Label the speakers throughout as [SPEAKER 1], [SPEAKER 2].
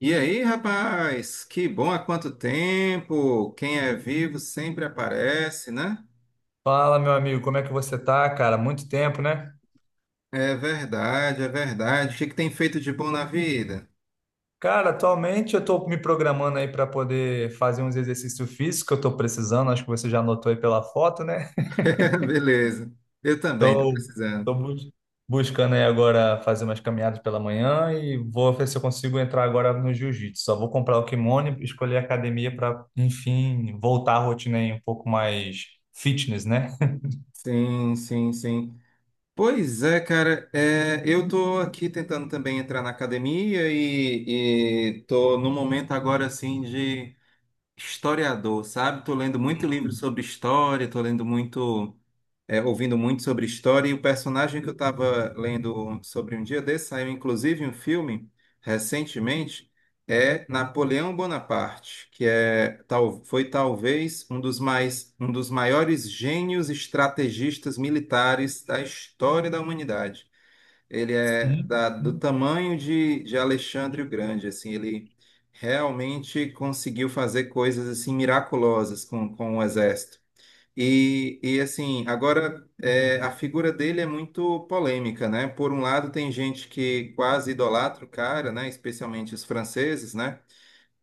[SPEAKER 1] E aí, rapaz? Que bom há quanto tempo! Quem é vivo sempre aparece, né?
[SPEAKER 2] Fala, meu amigo, como é que você tá, cara? Muito tempo, né?
[SPEAKER 1] É verdade, é verdade. O que que tem feito de bom na vida?
[SPEAKER 2] Cara, atualmente eu tô me programando aí para poder fazer uns exercícios físicos que eu tô precisando, acho que você já notou aí pela foto, né?
[SPEAKER 1] Beleza. Eu também tô
[SPEAKER 2] Tô,
[SPEAKER 1] precisando.
[SPEAKER 2] tô bus- buscando aí agora fazer umas caminhadas pela manhã e vou ver se eu consigo entrar agora no jiu-jitsu. Só vou comprar o kimono e escolher a academia para, enfim, voltar à rotina aí um pouco mais fitness, né?
[SPEAKER 1] Sim, sim, sim. Pois é, cara, é, eu tô aqui tentando também entrar na academia e tô no momento agora assim de historiador, sabe? Tô lendo muito livro sobre história, tô lendo muito. Ouvindo muito sobre história, e o personagem que eu estava lendo sobre um dia desse, saiu inclusive um filme recentemente, é Napoleão Bonaparte, que é, tal, foi talvez um dos mais, um dos maiores gênios estrategistas militares da história da humanidade. Ele é
[SPEAKER 2] Sim,
[SPEAKER 1] do
[SPEAKER 2] sim.
[SPEAKER 1] tamanho de Alexandre o Grande, assim, ele realmente conseguiu fazer coisas assim miraculosas com o exército. E assim, agora é, a figura dele é muito polêmica, né? Por um lado, tem gente que quase idolatra o cara, né? Especialmente os franceses, né?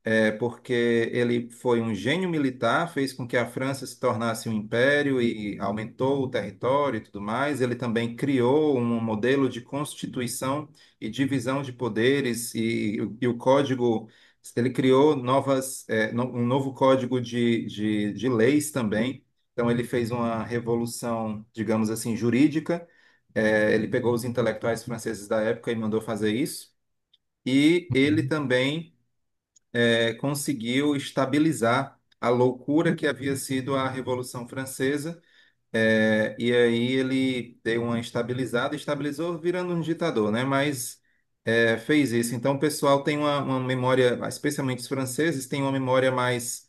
[SPEAKER 1] É porque ele foi um gênio militar, fez com que a França se tornasse um império e aumentou o território e tudo mais. Ele também criou um modelo de constituição e divisão de poderes e o código. Ele criou novas, um novo código de leis também. Então ele fez uma revolução, digamos assim, jurídica. Ele pegou os intelectuais franceses da época e mandou fazer isso. E ele também conseguiu estabilizar a loucura que havia sido a Revolução Francesa. E aí ele deu uma estabilizada, estabilizou virando um ditador, né? Mas fez isso. Então o pessoal tem uma memória, especialmente os franceses, têm uma memória mais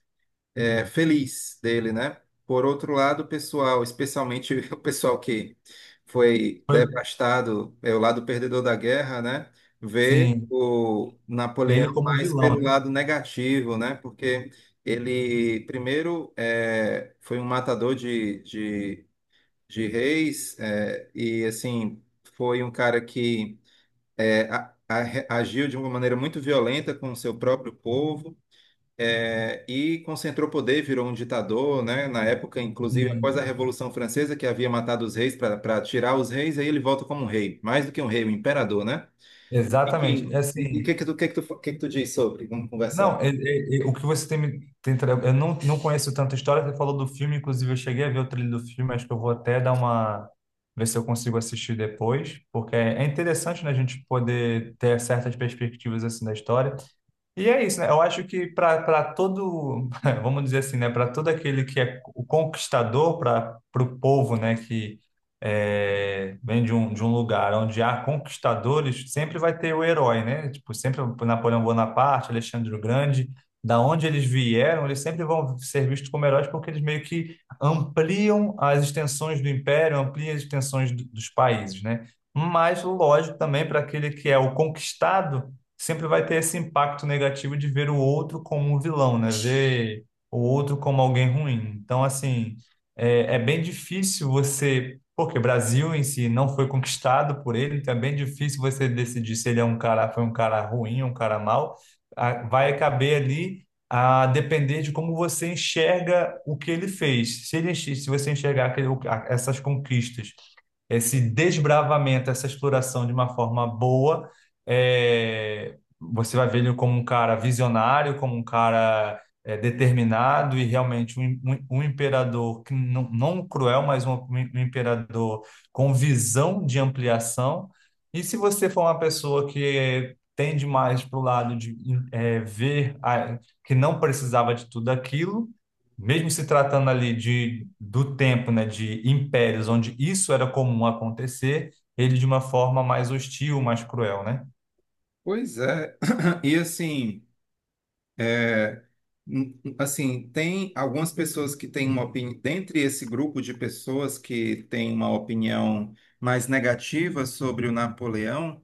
[SPEAKER 1] feliz dele, né? Por outro lado, o pessoal, especialmente o pessoal que foi
[SPEAKER 2] Foi-
[SPEAKER 1] devastado, é o lado perdedor da guerra, né? Vê
[SPEAKER 2] Sim,
[SPEAKER 1] o
[SPEAKER 2] ele
[SPEAKER 1] Napoleão
[SPEAKER 2] como
[SPEAKER 1] mais
[SPEAKER 2] vilão,
[SPEAKER 1] pelo
[SPEAKER 2] né?
[SPEAKER 1] lado negativo, né? Porque ele, primeiro, é, foi um matador de reis, é, e, assim, foi um cara que é, agiu de uma maneira muito violenta com o seu próprio povo é, e concentrou poder, virou um ditador, né? Na época, inclusive, após
[SPEAKER 2] Sim.
[SPEAKER 1] a Revolução Francesa, que havia matado os reis para tirar os reis, aí ele volta como um rei, mais do que um rei, um imperador, né? E
[SPEAKER 2] Exatamente.
[SPEAKER 1] e o que que tu, o que que tu, o que que tu diz sobre? Vamos conversar.
[SPEAKER 2] Não, o que você tem me tem tra- eu não, não conheço tanta história, você falou do filme, inclusive eu cheguei a ver o trailer do filme, acho que eu vou até dar uma, ver se eu consigo assistir depois, porque é interessante, né, a gente poder ter certas perspectivas assim da história. E é isso, né? Eu acho que para todo, vamos dizer assim, né? Para todo aquele que é o conquistador, para o povo, né? Que é, vem de um lugar onde há conquistadores, sempre vai ter o herói, né? Tipo, sempre o Napoleão Bonaparte, Alexandre o Grande, da onde eles vieram, eles sempre vão ser vistos como heróis porque eles meio que ampliam as extensões do império, ampliam as extensões dos países, né? Mas, lógico, também para aquele que é o conquistado sempre vai ter esse impacto negativo de ver o outro como um vilão, né? Ver o outro como alguém ruim. Então, assim, é, é bem difícil você. Porque o Brasil em si não foi conquistado por ele, então é bem difícil você decidir se ele é um cara, foi um cara ruim, um cara mau. Ah, vai caber ali a depender de como você enxerga o que ele fez. Se ele, se você enxergar essas conquistas, esse desbravamento, essa exploração de uma forma boa, é, você vai ver ele como um cara visionário, como um cara é, determinado e realmente um, um imperador que não, não cruel, mas um imperador com visão de ampliação. E se você for uma pessoa que tende mais para o lado de é, que não precisava de tudo aquilo, mesmo se tratando ali de, do tempo, né, de impérios, onde isso era comum acontecer, ele de uma forma mais hostil, mais cruel, né?
[SPEAKER 1] Pois é. E assim, assim, tem algumas pessoas que têm uma opinião, dentre esse grupo de pessoas que têm uma opinião mais negativa sobre o Napoleão,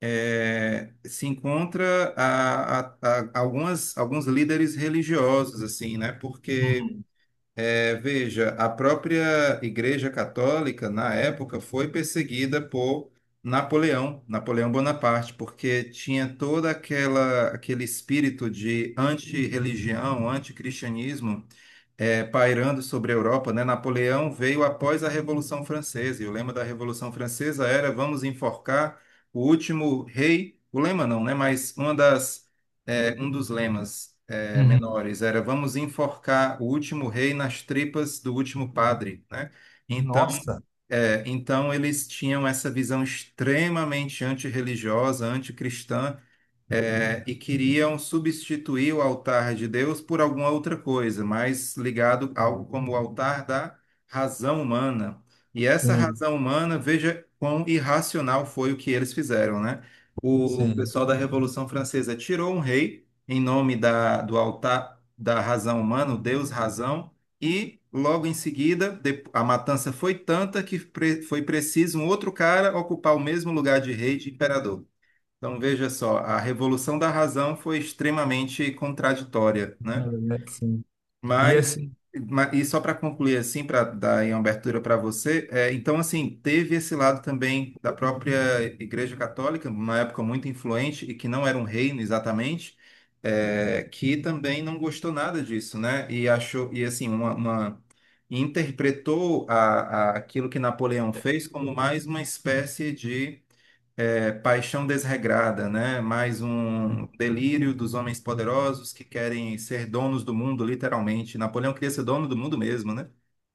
[SPEAKER 1] é, se encontra a, algumas, alguns líderes religiosos, assim, né? Porque,
[SPEAKER 2] Uhum.
[SPEAKER 1] é, veja, a própria Igreja Católica, na época, foi perseguida por Napoleão, Napoleão Bonaparte, porque tinha toda aquela aquele espírito de antirreligião, anticristianismo é, pairando sobre a Europa, né? Napoleão veio após a Revolução Francesa, e o lema da Revolução Francesa era vamos enforcar o último rei, o lema não, né? Mas uma das, é, um dos lemas é,
[SPEAKER 2] Uhum.
[SPEAKER 1] menores era vamos enforcar o último rei nas tripas do último padre, né? Então,
[SPEAKER 2] Nossa.
[SPEAKER 1] é, então eles tinham essa visão extremamente antirreligiosa, anticristã, é, e queriam substituir o altar de Deus por alguma outra coisa, mais ligado a algo como o altar da razão humana. E essa
[SPEAKER 2] Sim,
[SPEAKER 1] razão humana, veja quão irracional foi o que eles fizeram, né? O
[SPEAKER 2] sim.
[SPEAKER 1] pessoal da Revolução Francesa tirou um rei em nome da, do altar da razão humana, o Deus razão, e logo em seguida a matança foi tanta que foi preciso um outro cara ocupar o mesmo lugar de rei e de imperador. Então, veja só, a revolução da razão foi extremamente contraditória, né?
[SPEAKER 2] Na
[SPEAKER 1] Uhum.
[SPEAKER 2] verdade, sim. E
[SPEAKER 1] Mas,
[SPEAKER 2] assim,
[SPEAKER 1] e só para concluir assim, para dar aí uma abertura para você, é, então assim, teve esse lado também da própria Igreja Católica, uma época muito influente e que não era um reino exatamente, é, que também não gostou nada disso, né? E achou, e assim, uma, interpretou a, aquilo que Napoleão fez como mais uma espécie de é, paixão desregrada, né? Mais um delírio dos homens poderosos que querem ser donos do mundo, literalmente. Napoleão queria ser dono do mundo mesmo, né?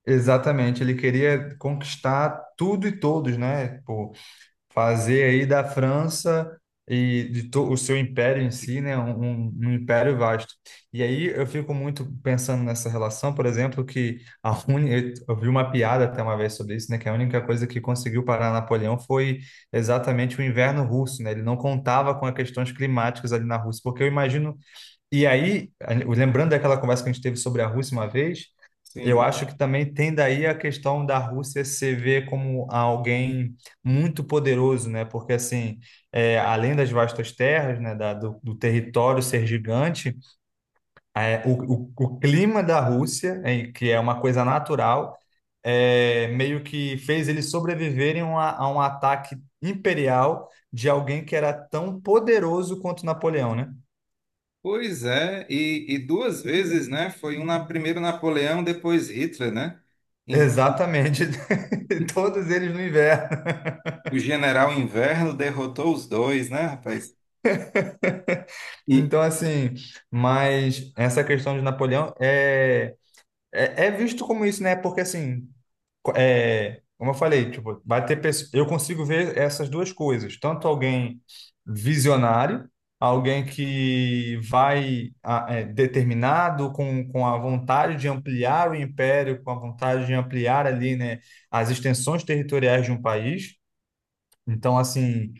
[SPEAKER 2] exatamente, ele queria conquistar tudo e todos, né? Fazer aí da França e o seu império em si, né, um, um império vasto. E aí eu fico muito pensando nessa relação, por exemplo, que eu vi uma piada até uma vez sobre isso, né, que a única coisa que conseguiu parar Napoleão foi exatamente o inverno russo, né? Ele não contava com as questões climáticas ali na Rússia, porque eu imagino. E aí, lembrando daquela conversa que a gente teve sobre a Rússia uma vez, eu
[SPEAKER 1] Sim.
[SPEAKER 2] acho que também tem daí a questão da Rússia se ver como alguém muito poderoso, né? Porque, assim, é, além das vastas terras, né, do território ser gigante, é, o, o clima da Rússia, é, que é uma coisa natural, é, meio que fez eles sobreviverem a, a um ataque imperial de alguém que era tão poderoso quanto Napoleão, né?
[SPEAKER 1] Pois é, e duas vezes, né? Foi um na, primeiro Napoleão, depois Hitler, né? Então,
[SPEAKER 2] Exatamente. Todos eles no inverno.
[SPEAKER 1] o general Inverno derrotou os dois, né, rapaz? E,
[SPEAKER 2] Então, assim, mas essa questão de Napoleão é, é, é visto como isso, né? Porque, assim, é, como eu falei, tipo, vai ter pessoas, eu consigo ver essas duas coisas, tanto alguém visionário, alguém que vai ah, é, determinado com a vontade de ampliar o império, com a vontade de ampliar ali, né, as extensões territoriais de um país. Então, assim,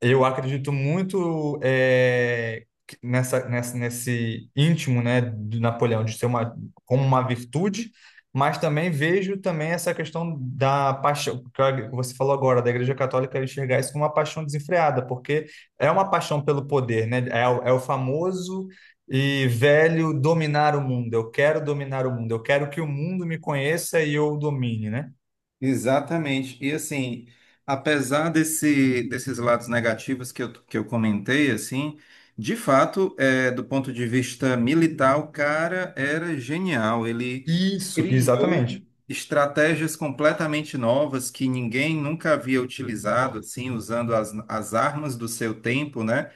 [SPEAKER 2] eu acredito muito eh, nessa, nesse íntimo, né, de Napoleão, de ser uma, como uma virtude, mas também vejo também essa questão da paixão, que que você falou agora, da Igreja Católica enxergar isso como uma paixão desenfreada, porque é uma paixão pelo poder, né? É, é o famoso e velho dominar o mundo. Eu quero dominar o mundo, eu quero que o mundo me conheça e eu o domine, né?
[SPEAKER 1] exatamente. E assim, apesar desse, desses lados negativos que que eu comentei, assim, de fato, é, do ponto de vista militar, o cara era genial. Ele
[SPEAKER 2] Isso,
[SPEAKER 1] criou
[SPEAKER 2] exatamente.
[SPEAKER 1] estratégias completamente novas que ninguém nunca havia utilizado, assim, usando as, as armas do seu tempo, né?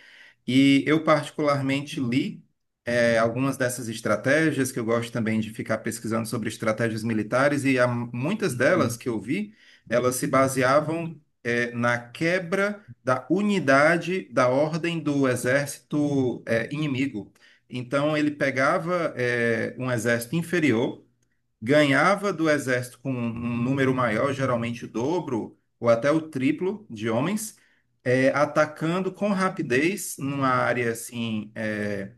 [SPEAKER 1] E eu particularmente li algumas dessas estratégias, que eu gosto também de ficar pesquisando sobre estratégias militares, e há muitas delas
[SPEAKER 2] Uhum.
[SPEAKER 1] que eu vi, elas se baseavam na quebra da unidade da ordem do exército inimigo. Então, ele pegava um exército inferior, ganhava do exército com um número maior, geralmente o dobro ou até o triplo de homens, atacando com rapidez numa área assim.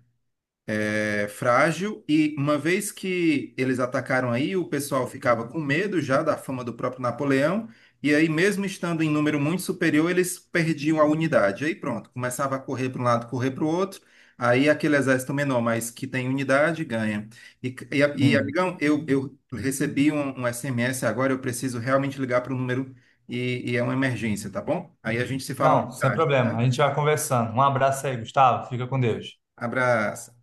[SPEAKER 1] É frágil e uma vez que eles atacaram aí, o pessoal ficava com medo já da fama do próprio Napoleão, e aí mesmo estando em número muito superior, eles perdiam a unidade. Aí pronto, começava a correr para um lado, correr para o outro, aí aquele exército menor, mas que tem unidade, ganha.
[SPEAKER 2] Sim.
[SPEAKER 1] Amigão, eu recebi um, um SMS agora, eu preciso realmente ligar para o número e é uma emergência, tá bom? Aí a gente se fala mais
[SPEAKER 2] Não, sem
[SPEAKER 1] tarde, tá.
[SPEAKER 2] problema. A gente vai conversando. Um abraço aí, Gustavo. Fica com Deus.
[SPEAKER 1] Abraço.